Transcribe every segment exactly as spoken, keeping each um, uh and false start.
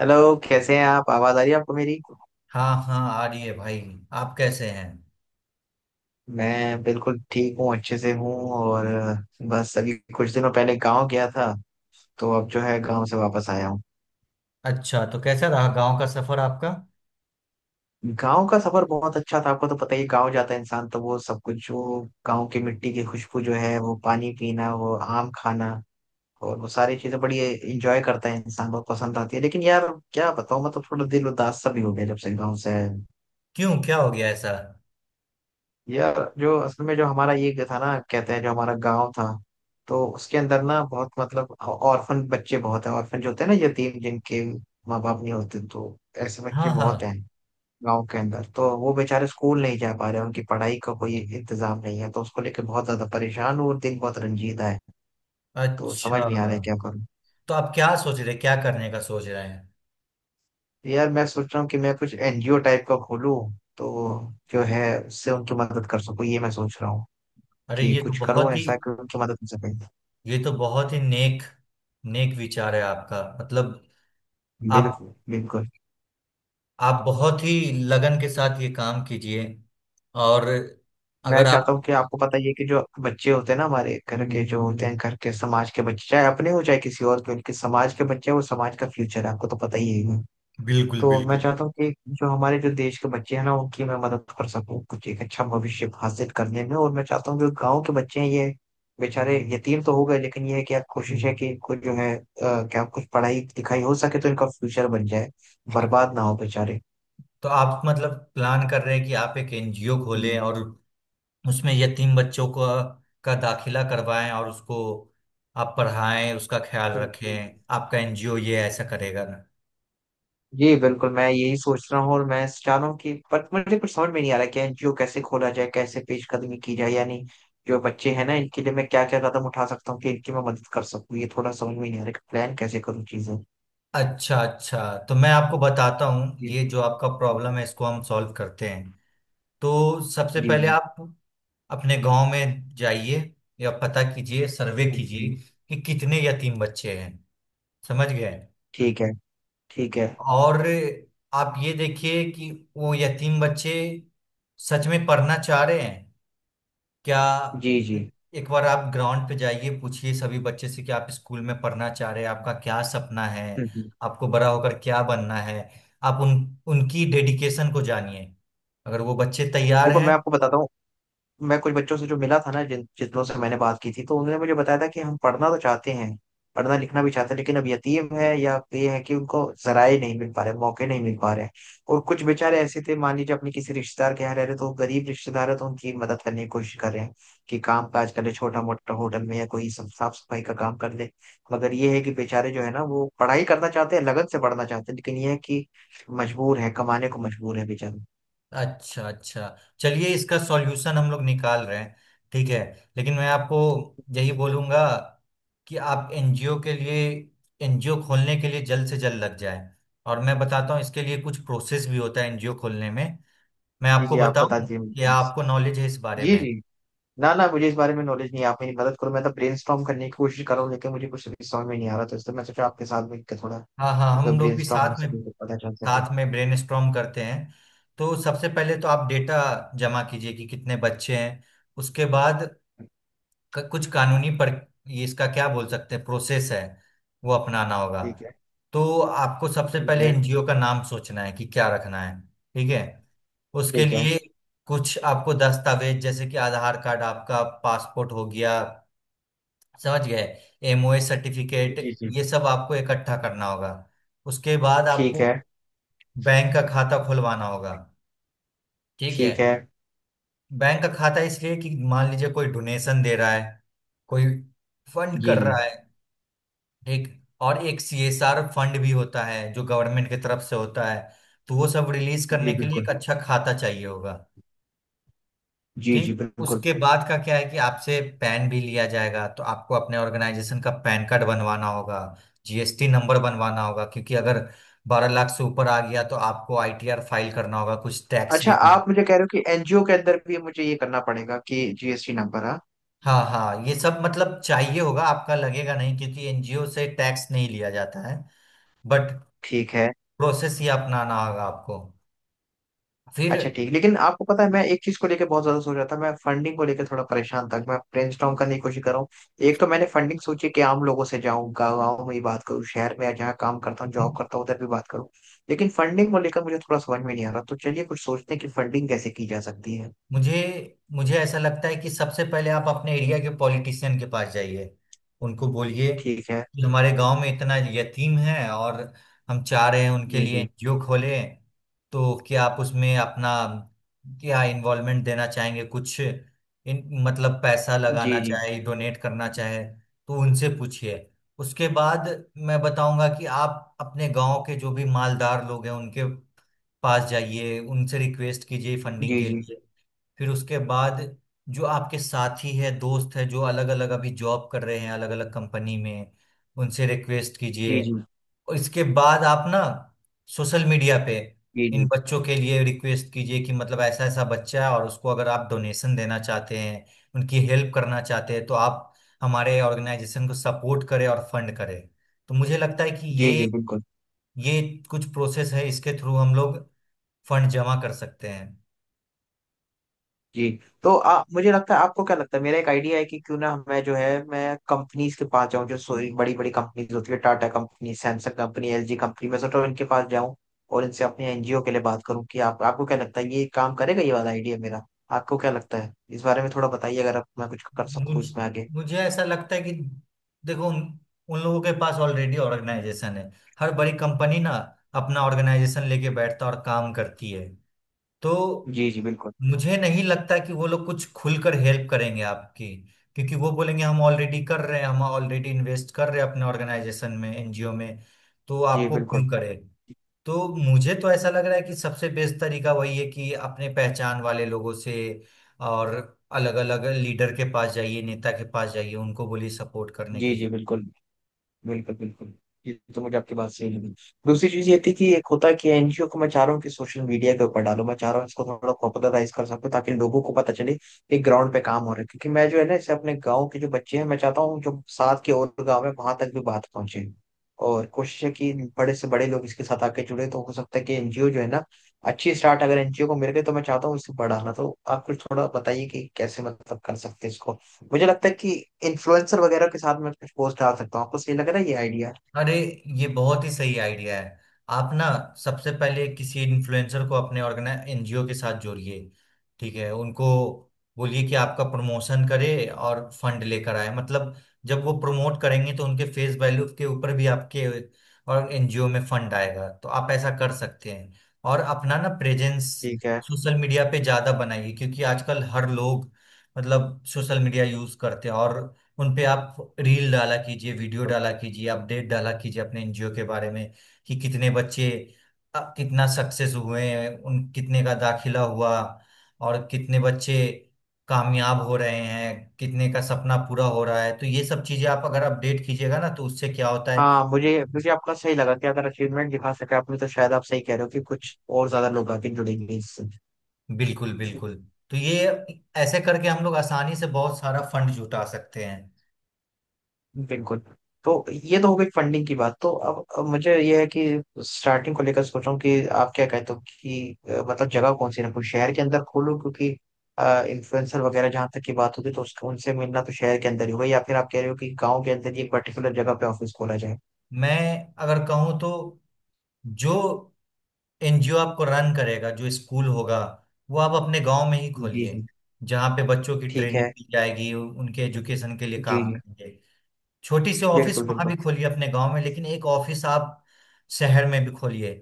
Hello, कैसे हैं आप? आवाज़ आ रही है आपको मेरी? हाँ हाँ, आ रही है भाई। आप कैसे हैं? मैं बिल्कुल ठीक हूँ, अच्छे से हूँ। और बस अभी कुछ दिनों पहले गांव गया था, तो अब जो है गांव से वापस आया हूँ। अच्छा, तो कैसा रहा गांव का सफर आपका? गांव का सफर बहुत अच्छा था। आपको तो पता ही है, गांव जाता है इंसान तो वो सब कुछ जो गांव की मिट्टी की खुशबू जो है, वो पानी पीना, वो आम खाना और वो सारी चीजें बड़ी इंजॉय करता है इंसान। बहुत पसंद आती है। लेकिन यार क्या बताऊँ, मैं तो थोड़ा दिल उदास सा भी हो गया जब से गाँव से। क्यों, क्या हो गया ऐसा? यार जो असल में जो हमारा ये था ना, कहते हैं जो हमारा गांव था, तो उसके अंदर ना बहुत मतलब ऑर्फन बच्चे बहुत हैं। ऑर्फन जो होते हैं ना, यतीम जिनके माँ बाप नहीं होते, तो ऐसे बच्चे हाँ बहुत हाँ। हैं गांव के अंदर। तो वो बेचारे स्कूल नहीं जा पा रहे, उनकी पढ़ाई का कोई इंतजाम नहीं है, तो उसको लेके बहुत ज्यादा परेशान हूँ और दिल बहुत रंजीदा है। तो समझ अच्छा, नहीं आ रहा है क्या करूँ। तो आप क्या सोच रहे, क्या करने का सोच रहे हैं? यार मैं सोच रहा हूँ कि मैं कुछ एनजीओ टाइप का खोलूँ, तो जो है उससे उनकी मदद कर सकूँ, ये मैं सोच रहा हूँ। अरे, कि ये तो कुछ करूँ बहुत ही ऐसा कि उनकी मदद कर सकूँ। ये तो बहुत ही नेक नेक विचार है आपका। मतलब आप बिल्कुल बिल्कुल। आप बहुत ही लगन के साथ ये काम कीजिए, और मैं अगर चाहता आप। हूँ कि आपको पता ही है कि जो बच्चे होते हैं ना हमारे घर के, जो होते हैं घर के, समाज के बच्चे चाहे अपने हो चाहे किसी और के, उनके समाज के बच्चे हैं, वो समाज का फ्यूचर है, आपको तो पता ही है। बिल्कुल तो मैं बिल्कुल। चाहता हूँ कि जो हमारे जो देश के बच्चे हैं ना, उनकी मैं मदद कर सकूँ कुछ एक अच्छा भविष्य हासिल करने में। और मैं चाहता हूँ जो गाँव के बच्चे हैं, ये बेचारे यतीम तो हो गए लेकिन ये है कि आप कोशिश है कि इनको जो है अ, क्या कुछ पढ़ाई लिखाई हो सके तो इनका फ्यूचर बन जाए, बर्बाद ना हो बेचारे। तो आप मतलब प्लान कर रहे हैं कि आप एक एनजीओ खोलें हम्म। और उसमें यतीम बच्चों को का दाखिला करवाएं, और उसको आप पढ़ाएं, उसका ख्याल जी, रखें। जी। आपका एनजीओ ये ऐसा करेगा ना? जी बिल्कुल, मैं यही सोच रहा हूँ और मैं चाह रहा हूँ कि पर मुझे कुछ समझ में नहीं आ रहा कि एनजीओ कैसे खोला जाए, कैसे पेशकदमी की जाए यानी जो बच्चे हैं ना इनके लिए मैं क्या क्या कदम उठा सकता हूँ कि इनकी मैं मदद कर सकूँ, ये थोड़ा समझ में नहीं आ रहा कि प्लान कैसे करूँ चीजें। अच्छा अच्छा, तो मैं आपको बताता हूँ, जी ये जो आपका प्रॉब्लम है इसको हम सॉल्व करते हैं। तो सबसे पहले जी। आप अपने गांव में जाइए, या पता कीजिए, सर्वे कीजिए जी। कि कितने यतीम बच्चे हैं। समझ गए? ठीक है, ठीक है। और आप ये देखिए कि वो यतीम बच्चे सच में पढ़ना चाह रहे हैं क्या। जी जी। एक बार आप ग्राउंड पे जाइए, पूछिए सभी बच्चे से कि आप स्कूल में पढ़ना चाह रहे हैं, आपका क्या सपना है, हम्म हम्म। आपको बड़ा होकर क्या बनना है। आप उन उनकी डेडिकेशन को जानिए। अगर वो बच्चे तैयार देखो हैं। मैं आपको बताता हूँ, मैं कुछ बच्चों से जो मिला था ना, जिन जिन लोगों से मैंने बात की थी तो उन्होंने मुझे बताया था कि हम पढ़ना तो चाहते हैं, पढ़ना लिखना भी चाहते हैं, लेकिन अब यतीम है या ये है कि उनको जराए नहीं मिल पा रहे, मौके नहीं मिल पा रहे हैं। और कुछ बेचारे ऐसे थे, मान लीजिए अपने किसी रिश्तेदार के यहाँ रह रहे, तो वो गरीब रिश्तेदार है, तो उनकी मदद करने की कोशिश कर रहे हैं कि काम काज कर ले छोटा मोटा, होटल में या कोई सब- साफ सफाई का काम कर ले। मगर ये है कि बेचारे जो है ना, वो पढ़ाई करना चाहते हैं, लगन से पढ़ना चाहते हैं, लेकिन ये है कि मजबूर है, कमाने को मजबूर है बेचारे। अच्छा अच्छा, चलिए इसका सॉल्यूशन हम लोग निकाल रहे हैं। ठीक है, लेकिन मैं आपको यही बोलूंगा कि आप एनजीओ के लिए एनजीओ खोलने के लिए जल्द से जल्द लग जाए। और मैं बताता हूँ, इसके लिए कुछ प्रोसेस भी होता है एनजीओ खोलने में। मैं जी आपको जी, आप बता बताऊं कि दीजिए। आपको नॉलेज है इस बारे जी में? जी। ना ना, मुझे इस बारे में नॉलेज नहीं है, आप मेरी मदद करो। मैं तो ब्रेनस्टॉर्म करने की कोशिश कर रहा हूँ लेकिन मुझे कुछ भी समझ में नहीं आ रहा, तो इसलिए मैं सोचा आपके साथ बैठ के थोड़ा हाँ हाँ, अगर हम लोग भी ब्रेनस्टॉर्म हो साथ में, सके तो पता चल सके। साथ में ब्रेनस्टॉर्म करते हैं। तो सबसे पहले तो आप डेटा जमा कीजिए कि कितने बच्चे हैं। उसके बाद क- कुछ कानूनी पर, ये इसका क्या बोल सकते हैं, प्रोसेस है वो अपनाना होगा। ठीक है, तो आपको सबसे ठीक पहले है। एनजीओ का नाम सोचना है कि क्या रखना है, ठीक है। उसके ठीक है। लिए कुछ आपको दस्तावेज, जैसे कि आधार कार्ड, आपका पासपोर्ट हो गया, समझ गए, एमओए सर्टिफिकेट, जी जी। ये सब आपको इकट्ठा करना होगा। उसके बाद ठीक आपको है, बैंक का खाता खुलवाना होगा, ठीक है। ठीक है। बैंक का खाता इसलिए कि मान लीजिए कोई डोनेशन दे रहा है, कोई फंड जी कर जी। रहा है, ठीक। और एक सीएसआर फंड भी होता है जो गवर्नमेंट की तरफ से होता है, तो वो सब रिलीज जी करने के लिए बिल्कुल। एक अच्छा खाता चाहिए होगा, जी जी ठीक। बिल्कुल। उसके बाद का क्या है कि आपसे पैन भी लिया जाएगा, तो आपको अपने ऑर्गेनाइजेशन का पैन कार्ड बनवाना होगा, जीएसटी नंबर बनवाना होगा, क्योंकि अगर बारह लाख से ऊपर आ गया तो आपको आईटीआर फाइल करना होगा, कुछ टैक्स अच्छा, भी। आप मुझे कह रहे हो कि एनजीओ के अंदर भी मुझे ये करना पड़ेगा कि जीएसटी नंबर? हाँ। हाँ हाँ, ये सब मतलब चाहिए होगा आपका। लगेगा नहीं, क्योंकि एनजीओ से टैक्स नहीं लिया जाता है, बट ठीक है। प्रोसेस ही अपनाना होगा आपको। फिर अच्छा ठीक, लेकिन आपको पता है मैं एक चीज को लेकर बहुत ज्यादा सोच रहा था, मैं फंडिंग को लेकर थोड़ा परेशान था। मैं ब्रेनस्टॉर्म करने की कोशिश कर रहा हूँ। एक तो मैंने फंडिंग सोची कि आम लोगों से, जाऊँ गाँव में ही बात करूँ, शहर में जहाँ काम करता हूँ जॉब करता हूँ उधर भी बात करूँ। लेकिन फंडिंग को लेकर मुझे थोड़ा समझ में नहीं आ रहा, तो चलिए कुछ सोचते हैं कि फंडिंग कैसे की जा सकती है। मुझे मुझे ऐसा लगता है कि सबसे पहले आप अपने एरिया के पॉलिटिशियन के पास जाइए, उनको बोलिए ठीक है। कि हमारे गांव में इतना यतीम है, और हम चाह रहे हैं उनके जी लिए जी। एनजीओ खोलें, तो क्या आप उसमें अपना क्या इन्वॉल्वमेंट देना चाहेंगे, कुछ इन मतलब पैसा लगाना जी जी। चाहे, डोनेट करना चाहे, तो उनसे पूछिए। उसके बाद मैं बताऊंगा कि आप अपने गांव के जो भी मालदार लोग हैं उनके पास जाइए, उनसे रिक्वेस्ट कीजिए फंडिंग जी के जी। लिए। फिर उसके बाद जो आपके साथी है, दोस्त है, जो अलग अलग अभी जॉब कर रहे हैं, अलग अलग कंपनी में, उनसे रिक्वेस्ट जी कीजिए। जी। और इसके बाद आप ना सोशल मीडिया पे इन जी बच्चों के लिए रिक्वेस्ट कीजिए कि मतलब ऐसा ऐसा बच्चा है, और उसको अगर आप डोनेशन देना चाहते हैं, उनकी हेल्प करना चाहते हैं तो आप हमारे ऑर्गेनाइजेशन को सपोर्ट करें और फंड करें। तो मुझे लगता है कि जी ये जी बिल्कुल। ये कुछ प्रोसेस है, इसके थ्रू हम लोग फंड जमा कर सकते हैं। जी। तो आ, मुझे लगता है, आपको क्या लगता है, मेरा एक आइडिया है कि क्यों ना मैं जो है मैं कंपनीज के पास जाऊं, जो सोई बड़ी बड़ी कंपनीज होती है, Tata company, Samsung company, LG company, मैं सोच रहा हूं इनके पास जाऊं और इनसे अपने एनजीओ के लिए बात करूं कि आप, आपको क्या लगता है ये काम करेगा ये वाला आइडिया मेरा? आपको क्या लगता है इस बारे में थोड़ा बताइए, अगर आप मैं कुछ कर सकूं मुझ- इसमें आगे। मुझे ऐसा लगता है कि देखो उन, उन लोगों के पास ऑलरेडी ऑर्गेनाइजेशन है। हर बड़ी कंपनी ना अपना ऑर्गेनाइजेशन लेके बैठता और काम करती है। तो जी जी बिल्कुल। मुझे नहीं लगता कि वो लोग कुछ खुलकर हेल्प करेंगे आपकी, क्योंकि वो बोलेंगे हम ऑलरेडी कर रहे हैं, हम ऑलरेडी इन्वेस्ट कर रहे हैं अपने ऑर्गेनाइजेशन में, एनजीओ में, तो जी आपको क्यों बिल्कुल। करें। तो मुझे तो ऐसा लग रहा है कि सबसे बेस्ट तरीका वही है कि अपने पहचान वाले लोगों से, और अलग अलग लीडर के पास जाइए, नेता के पास जाइए, उनको बोलिए सपोर्ट करने के जी जी लिए। बिल्कुल। बिल्कुल बिल्कुल। ये तो मुझे आपकी बात सही लगी। दूसरी चीज ये थी कि एक होता है कि एनजीओ को मैं चाह रहा हूँ कि सोशल मीडिया के ऊपर डालो, मैं चाह रहा हूँ इसको थोड़ा पॉपुलराइज कर सकूं ताकि लोगों को पता चले कि ग्राउंड पे काम हो रहा है, क्योंकि मैं जो है ना इसे अपने गाँव के जो बच्चे हैं, मैं चाहता हूँ जो साथ के और गाँव है वहां तक भी बात पहुंचे और कोशिश है कि बड़े से बड़े लोग इसके साथ आके जुड़े। तो हो सकता है कि एनजीओ जो है ना, अच्छी स्टार्ट अगर एनजीओ को मिल गई तो मैं चाहता हूँ इसे बढ़ाना। तो आप कुछ थोड़ा बताइए कि कैसे मतलब कर सकते हैं इसको। मुझे लगता है कि इन्फ्लुएंसर वगैरह के साथ मैं कुछ पोस्ट डाल सकता हूँ, आपको सही लग रहा है ये आइडिया? अरे, ये बहुत ही सही आइडिया है। आप ना सबसे पहले किसी इन्फ्लुएंसर को अपने ऑर्गेनाइज एनजीओ के साथ जोड़िए, ठीक है। उनको बोलिए कि आपका प्रमोशन करे और फंड लेकर आए। मतलब जब वो प्रमोट करेंगे तो उनके फेस वैल्यू के ऊपर भी आपके और एनजीओ में फंड आएगा, तो आप ऐसा कर सकते हैं। और अपना ना प्रेजेंस ठीक है। सोशल मीडिया पे ज्यादा बनाइए, क्योंकि आजकल हर लोग मतलब सोशल मीडिया यूज करते हैं। और उन पे आप रील डाला कीजिए, वीडियो डाला कीजिए, अपडेट डाला कीजिए अपने एनजीओ के बारे में, कि कितने बच्चे अ, कितना सक्सेस हुए हैं, उन कितने का दाखिला हुआ, और कितने बच्चे कामयाब हो रहे हैं, कितने का सपना पूरा हो रहा है। तो ये सब चीजें आप अगर अपडेट कीजिएगा ना तो उससे क्या होता है। हाँ, मुझे मुझे आपका सही लगा कि अगर अचीवमेंट दिखा सके आपने तो शायद आप सही कह रहे हो कि कुछ और ज्यादा लोग आके जुड़ेंगे इससे। बिल्कुल बिल्कुल। तो ये ऐसे करके हम लोग आसानी से बहुत सारा फंड जुटा सकते हैं। बिल्कुल। तो ये तो हो गई फंडिंग की बात। तो अब अब मुझे ये है कि स्टार्टिंग को लेकर सोच रहा हूँ कि आप क्या कहते हो कि अ, मतलब जगह कौन सी रखूँ? शहर के अंदर खोलूँ क्योंकि इन्फ्लुएंसर वगैरह जहाँ तक की बात होती तो उसको उनसे मिलना तो शहर के अंदर ही होगा, या फिर आप कह रहे हो कि गाँव के अंदर ही एक पर्टिकुलर जगह पे ऑफिस खोला जाए? मैं अगर कहूँ तो जो एनजीओ आपको रन करेगा, जो स्कूल होगा, वो आप अपने गांव में ही जी खोलिए, जी। जहाँ पे बच्चों की ठीक ट्रेनिंग है। दी जाएगी, उ- उनके एजुकेशन के लिए जी काम जी करेंगे। छोटी सी ऑफिस बिल्कुल वहां बिल्कुल। भी खोलिए अपने गांव में, लेकिन एक ऑफिस आप शहर में भी खोलिए,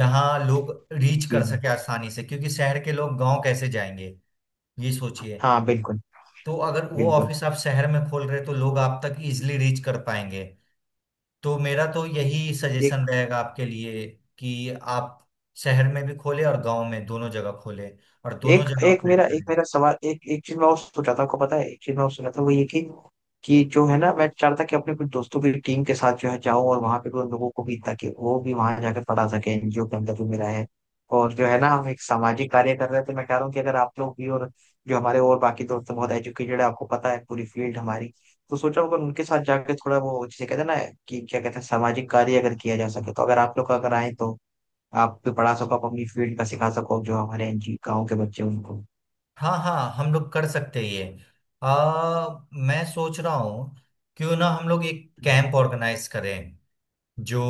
जहाँ लोग रीच जी कर सके जी। आसानी से, क्योंकि शहर के लोग गांव कैसे जाएंगे, ये सोचिए। हाँ बिल्कुल। तो अगर वो बिल्कुल। ऑफिस आप शहर में खोल रहे हैं, तो लोग आप तक इजिली रीच कर पाएंगे। तो मेरा तो यही ये सजेशन रहेगा आपके लिए कि आप शहर में भी खोले और गांव में, दोनों जगह खोले और दोनों एक जगह एक ऑपरेट मेरा करें। एक मेरा सवाल एक एक चीज मैं और सोचा था, आपको पता है एक चीज मैं और सोचा था वो ये कि कि जो है ना मैं चाह रहा था कि अपने कुछ दोस्तों की टीम के साथ जो है जाऊं और वहां पे भी उन लोगों को भी, ताकि वो भी वहां जाकर पढ़ा सके, एनजीओ के अंदर भी मेरा है। और जो है ना हम एक सामाजिक कार्य कर रहे थे, मैं चाह रहा हूँ कि अगर आप लोग भी, और जो हमारे और बाकी दोस्त हैं, बहुत एजुकेटेड है, आपको पता है पूरी फील्ड हमारी, तो सोचा अगर उनके साथ जाके थोड़ा वो जिसे कहते हैं ना कि क्या कहते हैं सामाजिक कार्य अगर किया जा सके, तो अगर आप लोग अगर आए तो आप भी पढ़ा सको, आप अपनी फील्ड का सिखा सको जो हमारे एनजी गाँव के बच्चे हैं उनको। हाँ हाँ, हम लोग कर सकते हैं ये। आ, मैं सोच रहा हूँ क्यों ना हम लोग एक हम्म। कैंप ऑर्गेनाइज करें, जो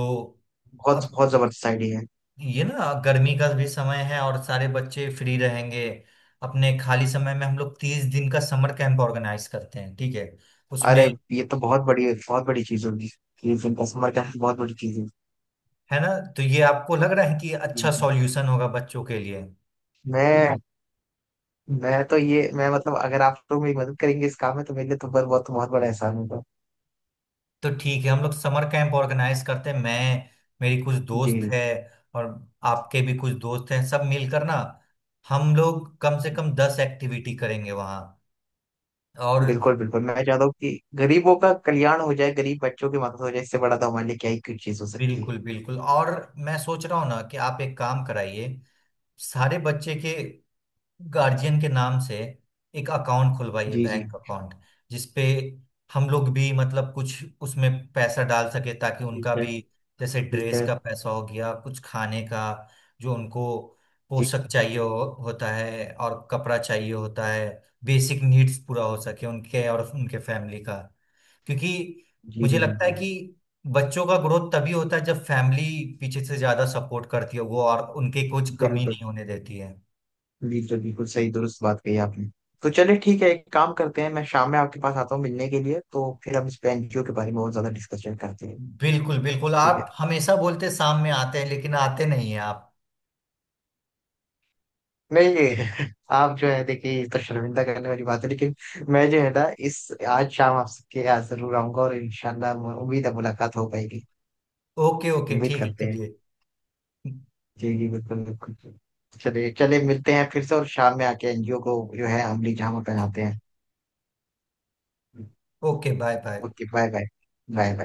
बहुत अब बहुत जबरदस्त आइडिया है। ये ना गर्मी का भी समय है और सारे बच्चे फ्री रहेंगे। अपने खाली समय में हम लोग तीस दिन का समर कैंप ऑर्गेनाइज करते हैं, ठीक है। उसमें, अरे ये तो बहुत बड़ी बहुत बड़ी चीज होगी, ये जिनका समर कैंप बहुत बड़ी चीज है। है ना। तो ये आपको लग रहा है कि जी अच्छा जी। सॉल्यूशन होगा बच्चों के लिए? मैं मैं तो ये मैं मतलब अगर आप लोग मेरी मदद करेंगे इस काम में तो मेरे लिए तो बहुत बहुत बहुत बड़ा एहसान होगा। तो ठीक है, हम लोग समर कैंप ऑर्गेनाइज करते हैं। मैं मेरी कुछ जी दोस्त है, और आपके भी कुछ दोस्त हैं, सब मिलकर ना हम लोग कम से कम जी। दस एक्टिविटी करेंगे वहाँ। और बिल्कुल बिल्कुल, मैं चाहता हूँ कि गरीबों का कल्याण हो जाए, गरीब बच्चों की मदद हो जाए। इससे बड़ा तो हमारे लिए क्या ही कुछ चीज हो सकती है। बिल्कुल बिल्कुल। और मैं सोच रहा हूँ ना कि आप एक काम कराइए, सारे बच्चे के गार्जियन के नाम से एक अकाउंट खुलवाइए, जी जी। बैंक अकाउंट, जिसपे हम लोग भी मतलब कुछ उसमें पैसा डाल सके, ताकि ठीक उनका है, भी, जैसे ठीक ड्रेस है। का पैसा हो गया, कुछ खाने का, जो उनको जी पोशाक चाहिए हो, होता है, और कपड़ा चाहिए होता है, बेसिक नीड्स पूरा हो सके उनके और उनके फैमिली का। क्योंकि जी। मुझे जी। लगता है बिल्कुल कि बच्चों का ग्रोथ तभी होता है जब फैमिली पीछे से ज्यादा सपोर्ट करती है वो, और उनके कुछ कमी बिल्कुल नहीं होने देती है। बिल्कुल बिल्कुल, सही दुरुस्त बात कही आपने। तो चलिए ठीक है, एक काम करते हैं, मैं शाम में आपके पास आता हूँ मिलने के लिए, तो फिर हम इस पे एनजीओ के बारे में और ज्यादा डिस्कशन करते हैं। बिल्कुल बिल्कुल, ठीक है। आप हमेशा बोलते शाम में आते हैं लेकिन आते नहीं हैं आप। नहीं आप जो है देखिए ये तो शर्मिंदा करने वाली बात है, लेकिन मैं जो है ना इस आज शाम आपके यहाँ जरूर आऊंगा और इंशाल्लाह उम्मीद है मुलाकात हो पाएगी। ओके ओके, उम्मीद ठीक है, करते हैं। चलिए। जी जी बिल्कुल बिल्कुल। चलिए चलिए मिलते हैं फिर से और शाम में आके एनजीओ को जो है अमली जामा पहनाते हैं। Okay, bye bye. Okay bye bye. Bye bye.